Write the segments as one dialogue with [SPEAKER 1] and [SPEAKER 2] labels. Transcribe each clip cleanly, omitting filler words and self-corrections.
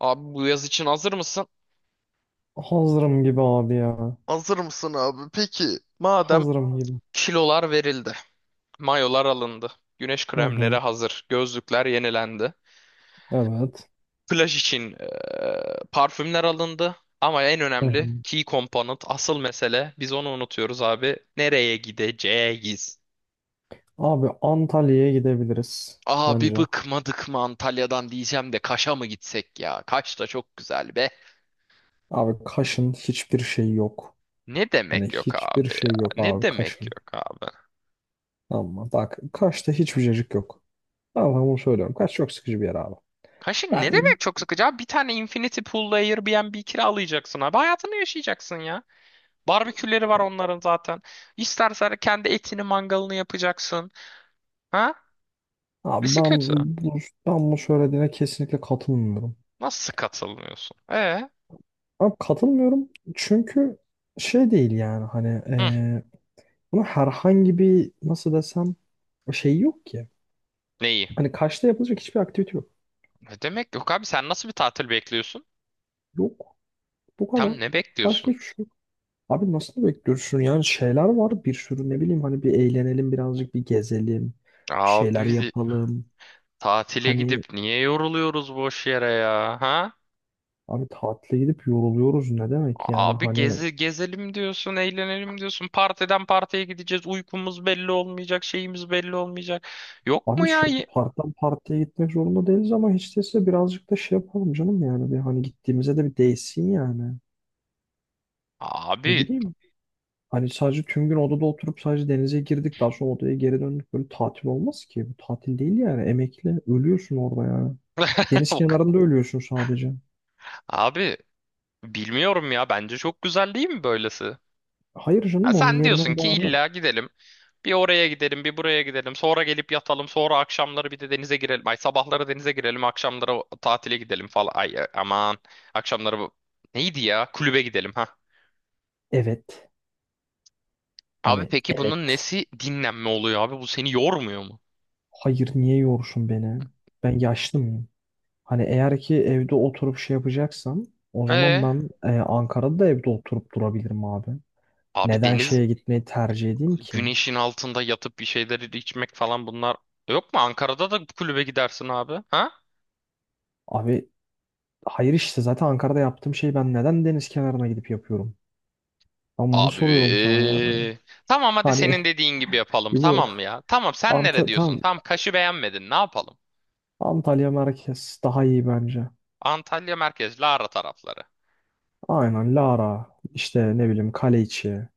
[SPEAKER 1] Abi bu yaz için hazır mısın?
[SPEAKER 2] Hazırım gibi abi ya.
[SPEAKER 1] Hazır mısın abi? Peki. Madem
[SPEAKER 2] Hazırım gibi.
[SPEAKER 1] kilolar verildi, mayolar alındı, güneş
[SPEAKER 2] Hı
[SPEAKER 1] kremleri
[SPEAKER 2] hı.
[SPEAKER 1] hazır, gözlükler yenilendi,
[SPEAKER 2] Evet.
[SPEAKER 1] plaj için parfümler alındı. Ama en
[SPEAKER 2] Hı
[SPEAKER 1] önemli
[SPEAKER 2] hı.
[SPEAKER 1] key component, asıl mesele biz onu unutuyoruz abi. Nereye gideceğiz?
[SPEAKER 2] Abi Antalya'ya gidebiliriz
[SPEAKER 1] Abi
[SPEAKER 2] bence.
[SPEAKER 1] bıkmadık mı Antalya'dan diyeceğim de Kaş'a mı gitsek ya? Kaş da çok güzel be.
[SPEAKER 2] Abi Kaş'ın hiçbir şeyi yok.
[SPEAKER 1] Ne
[SPEAKER 2] Hani
[SPEAKER 1] demek yok
[SPEAKER 2] hiçbir
[SPEAKER 1] abi
[SPEAKER 2] şey yok
[SPEAKER 1] ya? Ne
[SPEAKER 2] abi
[SPEAKER 1] demek
[SPEAKER 2] Kaş'ın.
[SPEAKER 1] yok abi?
[SPEAKER 2] Ama bak Kaş'ta hiçbir cacık yok. Tamam, ben sana bunu söylüyorum. Kaş çok sıkıcı bir yer abi.
[SPEAKER 1] Kaşık ne
[SPEAKER 2] Ben
[SPEAKER 1] demek çok sıkıcı abi? Bir tane Infinity Pool'la Airbnb kiralayacaksın abi. Hayatını yaşayacaksın ya. Barbeküleri var onların zaten. İstersen kendi etini mangalını yapacaksın. Ha?
[SPEAKER 2] abi
[SPEAKER 1] Nesi
[SPEAKER 2] ben
[SPEAKER 1] kötü?
[SPEAKER 2] bu, ben bu söylediğine kesinlikle katılmıyorum.
[SPEAKER 1] Nasıl katılmıyorsun? E?
[SPEAKER 2] Abi katılmıyorum çünkü şey değil yani hani
[SPEAKER 1] Hı,
[SPEAKER 2] buna herhangi bir nasıl desem şey yok ki.
[SPEAKER 1] neyi?
[SPEAKER 2] Hani Kaş'ta yapılacak hiçbir aktivite yok.
[SPEAKER 1] Ne demek yok abi sen nasıl bir tatil bekliyorsun?
[SPEAKER 2] Yok. Bu kadar.
[SPEAKER 1] Tam ne
[SPEAKER 2] Başka
[SPEAKER 1] bekliyorsun?
[SPEAKER 2] hiçbir şey yok. Abi nasıl bekliyorsun? Yani şeyler var bir sürü ne bileyim hani bir eğlenelim birazcık bir gezelim. Bir
[SPEAKER 1] Abi
[SPEAKER 2] şeyler
[SPEAKER 1] biz
[SPEAKER 2] yapalım.
[SPEAKER 1] tatile
[SPEAKER 2] Hani
[SPEAKER 1] gidip niye yoruluyoruz boş yere ya? Ha?
[SPEAKER 2] abi tatile gidip yoruluyoruz ne demek yani
[SPEAKER 1] Abi
[SPEAKER 2] hani
[SPEAKER 1] gezelim diyorsun, eğlenelim diyorsun. Partiden partiye gideceğiz. Uykumuz belli olmayacak, şeyimiz belli olmayacak. Yok mu
[SPEAKER 2] abi
[SPEAKER 1] ya?
[SPEAKER 2] sürekli partiden partiye gitmek zorunda değiliz ama hiç değilse birazcık da şey yapalım canım yani bir hani gittiğimize de bir değsin yani. Ne
[SPEAKER 1] Abi.
[SPEAKER 2] bileyim. Hani sadece tüm gün odada oturup sadece denize girdik. Daha sonra odaya geri döndük. Böyle tatil olmaz ki. Bu tatil değil yani. Emekli. Ölüyorsun orada yani. Deniz
[SPEAKER 1] Yok.
[SPEAKER 2] kenarında ölüyorsun sadece.
[SPEAKER 1] Abi bilmiyorum ya. Bence çok güzel değil mi böylesi?
[SPEAKER 2] Hayır
[SPEAKER 1] Ha,
[SPEAKER 2] canım onun
[SPEAKER 1] sen diyorsun
[SPEAKER 2] yerine
[SPEAKER 1] ki
[SPEAKER 2] bari.
[SPEAKER 1] illa gidelim. Bir oraya gidelim, bir buraya gidelim. Sonra gelip yatalım. Sonra akşamları bir de denize girelim. Ay sabahları denize girelim, akşamları tatile gidelim falan. Ay aman. Akşamları neydi ya? Kulübe gidelim ha.
[SPEAKER 2] Evet.
[SPEAKER 1] Abi
[SPEAKER 2] Hani
[SPEAKER 1] peki bunun
[SPEAKER 2] evet.
[SPEAKER 1] nesi dinlenme oluyor abi? Bu seni yormuyor mu?
[SPEAKER 2] Hayır niye yorsun beni? Ben yaşlı mıyım? Hani eğer ki evde oturup şey yapacaksam o zaman
[SPEAKER 1] Ee,
[SPEAKER 2] ben Ankara'da da evde oturup durabilirim abi.
[SPEAKER 1] Abi
[SPEAKER 2] Neden
[SPEAKER 1] deniz
[SPEAKER 2] şeye gitmeyi tercih edeyim ki?
[SPEAKER 1] güneşin altında yatıp bir şeyleri içmek falan bunlar yok mu? Ankara'da da kulübe gidersin abi. Ha?
[SPEAKER 2] Abi hayır işte zaten Ankara'da yaptığım şeyi ben neden deniz kenarına gidip yapıyorum? Ben bunu soruyorum sana ya.
[SPEAKER 1] Abi. Tamam hadi
[SPEAKER 2] Hani
[SPEAKER 1] senin dediğin gibi yapalım.
[SPEAKER 2] bu
[SPEAKER 1] Tamam mı ya? Tamam sen
[SPEAKER 2] Ant
[SPEAKER 1] nere diyorsun?
[SPEAKER 2] tam
[SPEAKER 1] Tamam Kaş'ı beğenmedin. Ne yapalım?
[SPEAKER 2] Antalya merkez daha iyi bence.
[SPEAKER 1] Antalya merkez Lara tarafları.
[SPEAKER 2] Aynen Lara işte ne bileyim Kaleiçi.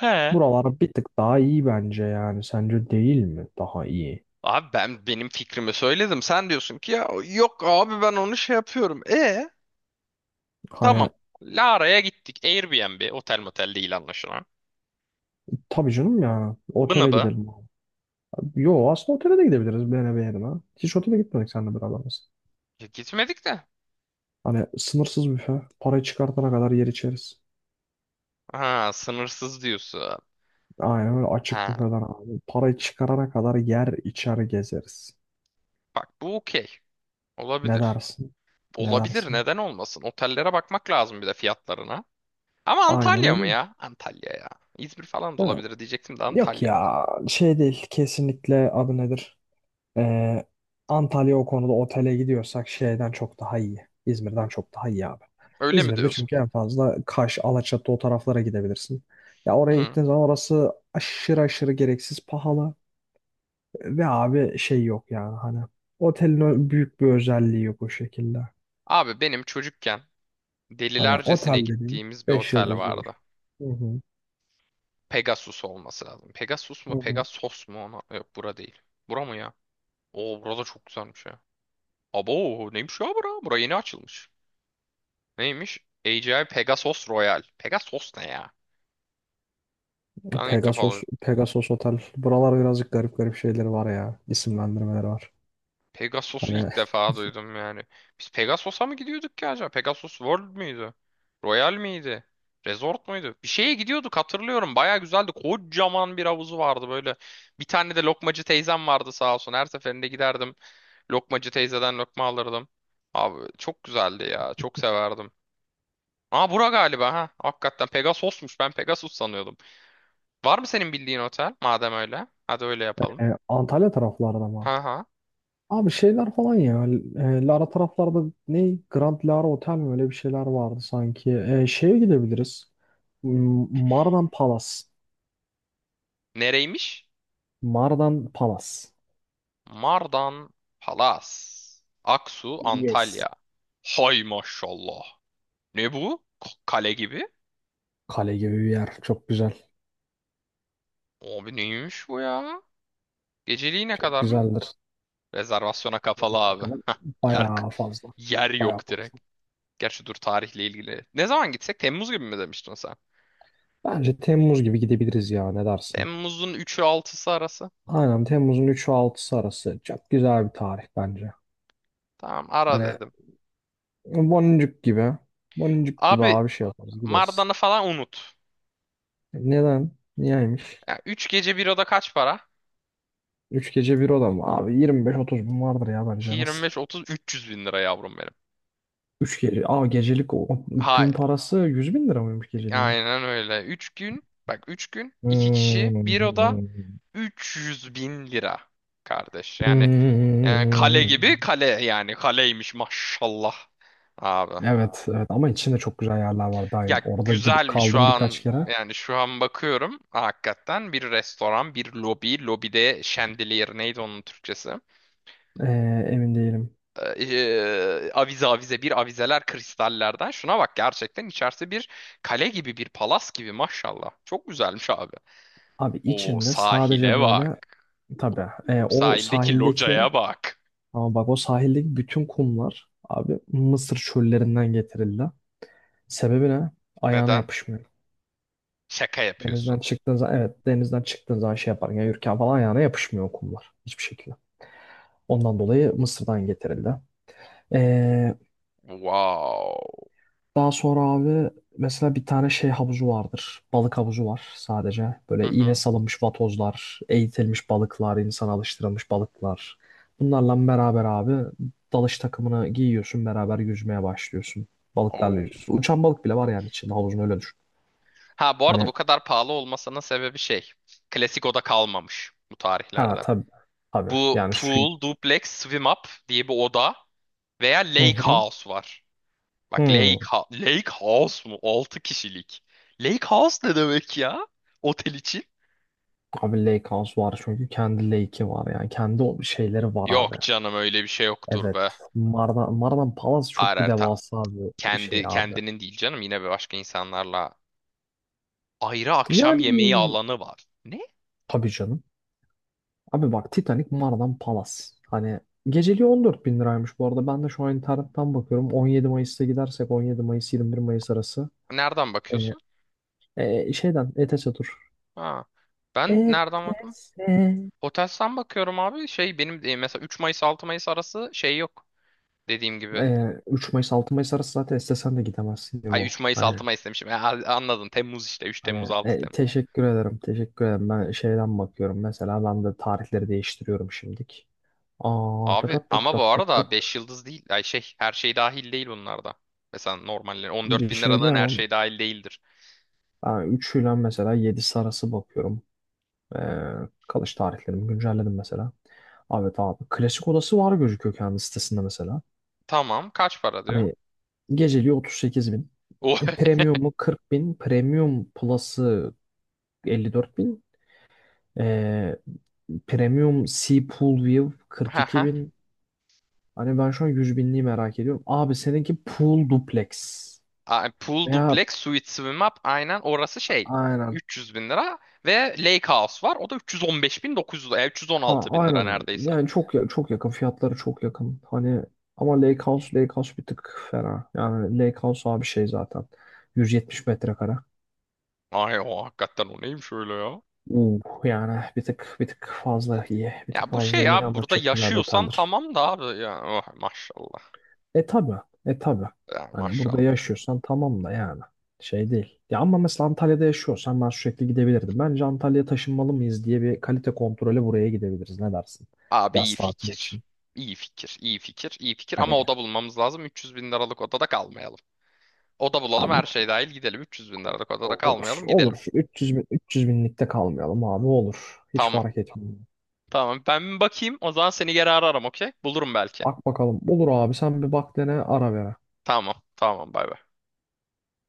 [SPEAKER 1] He.
[SPEAKER 2] Buralar bir tık daha iyi bence yani. Sence değil mi? Daha iyi.
[SPEAKER 1] Abi ben benim fikrimi söyledim. Sen diyorsun ki ya yok abi ben onu şey yapıyorum. E? Tamam.
[SPEAKER 2] Hani
[SPEAKER 1] Lara'ya gittik. Airbnb, otel motel değil anlaşılan.
[SPEAKER 2] tabii canım ya
[SPEAKER 1] Bını
[SPEAKER 2] otele
[SPEAKER 1] bu.
[SPEAKER 2] gidelim. Yo aslında otele de gidebiliriz beğene beğenime. Hiç otele gitmedik seninle beraber biz.
[SPEAKER 1] Ya gitmedik de.
[SPEAKER 2] Hani sınırsız büfe. Parayı çıkartana kadar yer içeriz.
[SPEAKER 1] Ha, sınırsız diyorsun.
[SPEAKER 2] Aynen öyle açık
[SPEAKER 1] Ha,
[SPEAKER 2] büfeden abi. Parayı çıkarana kadar yer içer gezeriz.
[SPEAKER 1] bak bu okey.
[SPEAKER 2] Ne
[SPEAKER 1] Olabilir.
[SPEAKER 2] dersin? Ne
[SPEAKER 1] Olabilir,
[SPEAKER 2] dersin?
[SPEAKER 1] neden olmasın? Otellere bakmak lazım bir de fiyatlarına. Ama
[SPEAKER 2] Aynen
[SPEAKER 1] Antalya mı
[SPEAKER 2] öyle.
[SPEAKER 1] ya? Antalya ya. İzmir falan da
[SPEAKER 2] Ya,
[SPEAKER 1] olabilir diyecektim de
[SPEAKER 2] yok
[SPEAKER 1] Antalya.
[SPEAKER 2] ya şey değil kesinlikle adı nedir? Ee, Antalya o konuda otele gidiyorsak şeyden çok daha iyi. İzmir'den çok daha iyi abi.
[SPEAKER 1] Öyle mi
[SPEAKER 2] İzmir'de
[SPEAKER 1] diyorsun?
[SPEAKER 2] çünkü en fazla Kaş, Alaçatı o taraflara gidebilirsin. Ya oraya
[SPEAKER 1] Hı.
[SPEAKER 2] gittiğin zaman orası aşırı aşırı gereksiz pahalı. Ve abi şey yok yani hani otelin büyük bir özelliği yok o şekilde.
[SPEAKER 1] Abi benim çocukken
[SPEAKER 2] Hani
[SPEAKER 1] delilercesine
[SPEAKER 2] otel dediğin
[SPEAKER 1] gittiğimiz bir
[SPEAKER 2] 5
[SPEAKER 1] otel
[SPEAKER 2] yıldız
[SPEAKER 1] vardı.
[SPEAKER 2] olur. Hı hı.
[SPEAKER 1] Pegasus olması lazım. Pegasus mu
[SPEAKER 2] Hı hı.
[SPEAKER 1] Pegasos mu ona? Yok bura değil. Bura mı ya? Oo burada çok güzelmiş ya. Abo neymiş ya bura? Bura yeni açılmış. Neymiş? A. AGI Pegasus Royal. Pegasus ne ya? Ben ilk defa
[SPEAKER 2] Pegasus,
[SPEAKER 1] duydum.
[SPEAKER 2] Pegasus Otel. Buralar birazcık garip garip şeyleri var ya. İsimlendirmeleri var.
[SPEAKER 1] Pegasus'u
[SPEAKER 2] Hani
[SPEAKER 1] ilk defa duydum yani. Biz Pegasus'a mı gidiyorduk ki acaba? Pegasus World müydü? Royal miydi? Resort muydu? Bir şeye gidiyorduk hatırlıyorum. Baya güzeldi. Kocaman bir havuzu vardı böyle. Bir tane de lokmacı teyzem vardı sağ olsun. Her seferinde giderdim. Lokmacı teyzeden lokma alırdım. Abi çok güzeldi ya. Çok severdim. Aa bura galiba ha. Hakikaten Pegasus'muş. Ben Pegasus sanıyordum. Var mı senin bildiğin otel? Madem öyle. Hadi öyle yapalım.
[SPEAKER 2] Antalya taraflarda mı?
[SPEAKER 1] Ha ha.
[SPEAKER 2] Abi şeyler falan ya. Lara taraflarda ne? Grand Lara Otel mi? Öyle bir şeyler vardı sanki. Şeye gidebiliriz. Mardan Palace.
[SPEAKER 1] Nereymiş?
[SPEAKER 2] Mardan Palace.
[SPEAKER 1] Mardan Palas. Aksu,
[SPEAKER 2] Yes.
[SPEAKER 1] Antalya. Hay maşallah. Ne bu? Kale gibi.
[SPEAKER 2] Kale gibi bir yer. Çok güzel.
[SPEAKER 1] Abi neymiş bu ya? Geceliği ne
[SPEAKER 2] Çok
[SPEAKER 1] kadar mı?
[SPEAKER 2] güzeldir.
[SPEAKER 1] Rezervasyona kapalı
[SPEAKER 2] Ne
[SPEAKER 1] abi.
[SPEAKER 2] kadar?
[SPEAKER 1] Yer,
[SPEAKER 2] Bayağı fazla.
[SPEAKER 1] yer
[SPEAKER 2] Bayağı
[SPEAKER 1] yok
[SPEAKER 2] fazla.
[SPEAKER 1] direkt. Gerçi dur tarihle ilgili. Ne zaman gitsek? Temmuz gibi mi demiştin sen?
[SPEAKER 2] Bence Temmuz gibi gidebiliriz ya. Ne dersin?
[SPEAKER 1] Temmuz'un üçü altısı arası.
[SPEAKER 2] Aynen Temmuz'un 3'ü 6'sı arası. Çok güzel bir tarih bence.
[SPEAKER 1] Tamam ara
[SPEAKER 2] Hani
[SPEAKER 1] dedim.
[SPEAKER 2] boncuk gibi. Boncuk gibi
[SPEAKER 1] Abi
[SPEAKER 2] abi şey yaparız gideriz.
[SPEAKER 1] Mardan'ı falan unut.
[SPEAKER 2] Neden? Niyeymiş?
[SPEAKER 1] Ya 3 gece bir oda kaç para?
[SPEAKER 2] 3 gece bir oda mı? Abi 25 30 bin vardır ya bence nasıl?
[SPEAKER 1] 25 30 300 bin lira yavrum benim.
[SPEAKER 2] 3 gece. Aa gecelik o
[SPEAKER 1] Hayır,
[SPEAKER 2] gün parası 100 bin lira mıymış geceliğe?
[SPEAKER 1] aynen öyle. 3 gün bak 3 gün 2 kişi bir
[SPEAKER 2] Hmm.
[SPEAKER 1] oda 300 bin lira kardeş. Yani, yani kale gibi
[SPEAKER 2] Hmm.
[SPEAKER 1] kale yani kaleymiş maşallah abi.
[SPEAKER 2] Evet, evet ama içinde çok güzel yerler var. Ben
[SPEAKER 1] Ya
[SPEAKER 2] orada gidip
[SPEAKER 1] güzelmiş şu
[SPEAKER 2] kaldım birkaç
[SPEAKER 1] an
[SPEAKER 2] kere.
[SPEAKER 1] yani şu an bakıyorum hakikaten bir restoran bir lobi lobide şendeliyer neydi onun Türkçesi?
[SPEAKER 2] Ee, emin değilim.
[SPEAKER 1] Avize avize bir avizeler kristallerden. Şuna bak gerçekten içerisi bir kale gibi bir palas gibi maşallah. Çok güzelmiş abi.
[SPEAKER 2] Abi
[SPEAKER 1] O
[SPEAKER 2] içinde sadece
[SPEAKER 1] sahile bak.
[SPEAKER 2] böyle tabii o
[SPEAKER 1] Sahildeki
[SPEAKER 2] sahildeki
[SPEAKER 1] locaya bak.
[SPEAKER 2] ama bak o sahildeki bütün kumlar abi Mısır çöllerinden getirildi. Sebebi ne? Ayağına
[SPEAKER 1] Neden?
[SPEAKER 2] yapışmıyor.
[SPEAKER 1] Şaka yapıyorsun.
[SPEAKER 2] Denizden çıktığın zaman evet denizden çıktığın zaman şey yapar. Yani yürürken falan ayağına yapışmıyor kumlar. Hiçbir şekilde. Ondan dolayı Mısır'dan getirildi. Ee,
[SPEAKER 1] Wow.
[SPEAKER 2] daha sonra abi mesela bir tane şey havuzu vardır. Balık havuzu var sadece.
[SPEAKER 1] Hı
[SPEAKER 2] Böyle iğne
[SPEAKER 1] hı.
[SPEAKER 2] salınmış vatozlar, eğitilmiş balıklar, insan alıştırılmış balıklar. Bunlarla beraber abi dalış takımını giyiyorsun beraber yüzmeye başlıyorsun. Balıklarla
[SPEAKER 1] Oo.
[SPEAKER 2] yüzüyorsun. Uçan balık bile var yani içinde havuzun öyle düşün.
[SPEAKER 1] Ha bu arada
[SPEAKER 2] Hani
[SPEAKER 1] bu kadar pahalı olmasının sebebi şey. Klasik oda kalmamış bu
[SPEAKER 2] ha
[SPEAKER 1] tarihlerde.
[SPEAKER 2] tabii tabii
[SPEAKER 1] Bu
[SPEAKER 2] yani su.
[SPEAKER 1] pool, duplex, swim up diye bir oda veya
[SPEAKER 2] Hı
[SPEAKER 1] lake
[SPEAKER 2] hı.
[SPEAKER 1] house var. Bak
[SPEAKER 2] Hı.
[SPEAKER 1] Lake House mu? 6 kişilik. Lake House ne demek ya? Otel için?
[SPEAKER 2] Abi Lake House var çünkü kendi lake'i var yani kendi o şeyleri var abi.
[SPEAKER 1] Yok canım öyle bir şey yoktur
[SPEAKER 2] Evet.
[SPEAKER 1] be.
[SPEAKER 2] Mardan Palace çok bu
[SPEAKER 1] Arar tam.
[SPEAKER 2] devasa bir şey
[SPEAKER 1] Kendi
[SPEAKER 2] abi.
[SPEAKER 1] kendinin değil canım yine bir başka insanlarla. Ayrı akşam
[SPEAKER 2] Yani
[SPEAKER 1] yemeği alanı var. Ne?
[SPEAKER 2] tabii canım. Abi bak Titanic Mardan Palace. Hani geceliği 14 bin liraymış bu arada. Ben de şu an internetten bakıyorum. 17 Mayıs'ta gidersek 17 Mayıs 21 Mayıs arası.
[SPEAKER 1] Nereden
[SPEAKER 2] Ee,
[SPEAKER 1] bakıyorsun?
[SPEAKER 2] şeyden ETS tur.
[SPEAKER 1] Ha. Ben nereden bakım?
[SPEAKER 2] ETS.
[SPEAKER 1] Hotels'ten bakıyorum abi. Şey benim mesela 3 Mayıs 6 Mayıs arası şey yok. Dediğim gibi.
[SPEAKER 2] 3 Mayıs 6 Mayıs arası zaten istesen de gidemezsin
[SPEAKER 1] Ay
[SPEAKER 2] bu.
[SPEAKER 1] 3 Mayıs
[SPEAKER 2] Hani
[SPEAKER 1] 6 Mayıs demişim. Anladın. Temmuz işte. 3
[SPEAKER 2] Hani
[SPEAKER 1] Temmuz 6
[SPEAKER 2] teşekkür ederim, teşekkür ederim. Ben şeyden bakıyorum mesela ben de tarihleri değiştiriyorum şimdilik. Aa, tat
[SPEAKER 1] Abi
[SPEAKER 2] tat tat
[SPEAKER 1] ama bu
[SPEAKER 2] tat tat
[SPEAKER 1] arada
[SPEAKER 2] tat.
[SPEAKER 1] 5 yıldız değil. Ay şey her şey dahil değil bunlarda. Mesela normalde 14
[SPEAKER 2] Bir
[SPEAKER 1] bin
[SPEAKER 2] şey
[SPEAKER 1] liranın her
[SPEAKER 2] diyemem.
[SPEAKER 1] şey dahil değildir.
[SPEAKER 2] Ben 3 ile mesela 7'si arası bakıyorum. Ee, kalış tarihlerimi güncelledim mesela. Evet abi klasik odası var gözüküyor kendi sitesinde mesela.
[SPEAKER 1] Tamam kaç para diyor?
[SPEAKER 2] Hani geceliği 38 bin.
[SPEAKER 1] O
[SPEAKER 2] Premium'u 40 bin. Premium Plus'ı 54 bin. Ee, Premium Sea Pool View 42.
[SPEAKER 1] Haha.
[SPEAKER 2] Hani ben şu an 100 binliği merak ediyorum. Abi seninki pool duplex.
[SPEAKER 1] Pool
[SPEAKER 2] Veya
[SPEAKER 1] duplex suite swim up aynen orası şey.
[SPEAKER 2] aynen.
[SPEAKER 1] 300 bin lira ve Lake House var. O da 315 bin 900
[SPEAKER 2] Ha
[SPEAKER 1] 316 bin lira
[SPEAKER 2] aynen.
[SPEAKER 1] neredeyse.
[SPEAKER 2] Yani çok çok yakın. Fiyatları çok yakın. Hani ama Lake House bir tık fena. Yani Lake House abi şey zaten. 170 metrekare.
[SPEAKER 1] Ay o hakikaten o neymiş öyle ya?
[SPEAKER 2] Yani bir tık bir tık fazla iyi. Bir tık
[SPEAKER 1] Ya bu şey
[SPEAKER 2] fazla iyi
[SPEAKER 1] ya
[SPEAKER 2] ama
[SPEAKER 1] burada
[SPEAKER 2] çok güzel bir
[SPEAKER 1] yaşıyorsan
[SPEAKER 2] oteldir.
[SPEAKER 1] tamam da abi ya oh, maşallah.
[SPEAKER 2] E tabi. E tabi.
[SPEAKER 1] Ya,
[SPEAKER 2] Hani burada
[SPEAKER 1] maşallah.
[SPEAKER 2] yaşıyorsan tamam da yani. Şey değil. Ya ama mesela Antalya'da yaşıyorsan ben sürekli gidebilirdim. Bence Antalya'ya taşınmalı mıyız diye bir kalite kontrolü buraya gidebiliriz. Ne dersin?
[SPEAKER 1] Abi iyi
[SPEAKER 2] Yaz tatili
[SPEAKER 1] fikir.
[SPEAKER 2] için.
[SPEAKER 1] İyi fikir, iyi fikir, iyi fikir
[SPEAKER 2] Hani
[SPEAKER 1] ama oda bulmamız lazım. 300 bin liralık odada kalmayalım. Oda bulalım
[SPEAKER 2] abi
[SPEAKER 1] her şey dahil gidelim. 300 bin liralık odada
[SPEAKER 2] olur.
[SPEAKER 1] kalmayalım gidelim.
[SPEAKER 2] Olur. 300 bin, 300 binlikte kalmayalım abi olur. Hiç
[SPEAKER 1] Tamam.
[SPEAKER 2] fark etmiyor.
[SPEAKER 1] Tamam ben bir bakayım o zaman seni geri ararım okey? Bulurum belki.
[SPEAKER 2] Bak bakalım. Olur abi sen bir bak dene ara ver
[SPEAKER 1] Tamam tamam bay bay.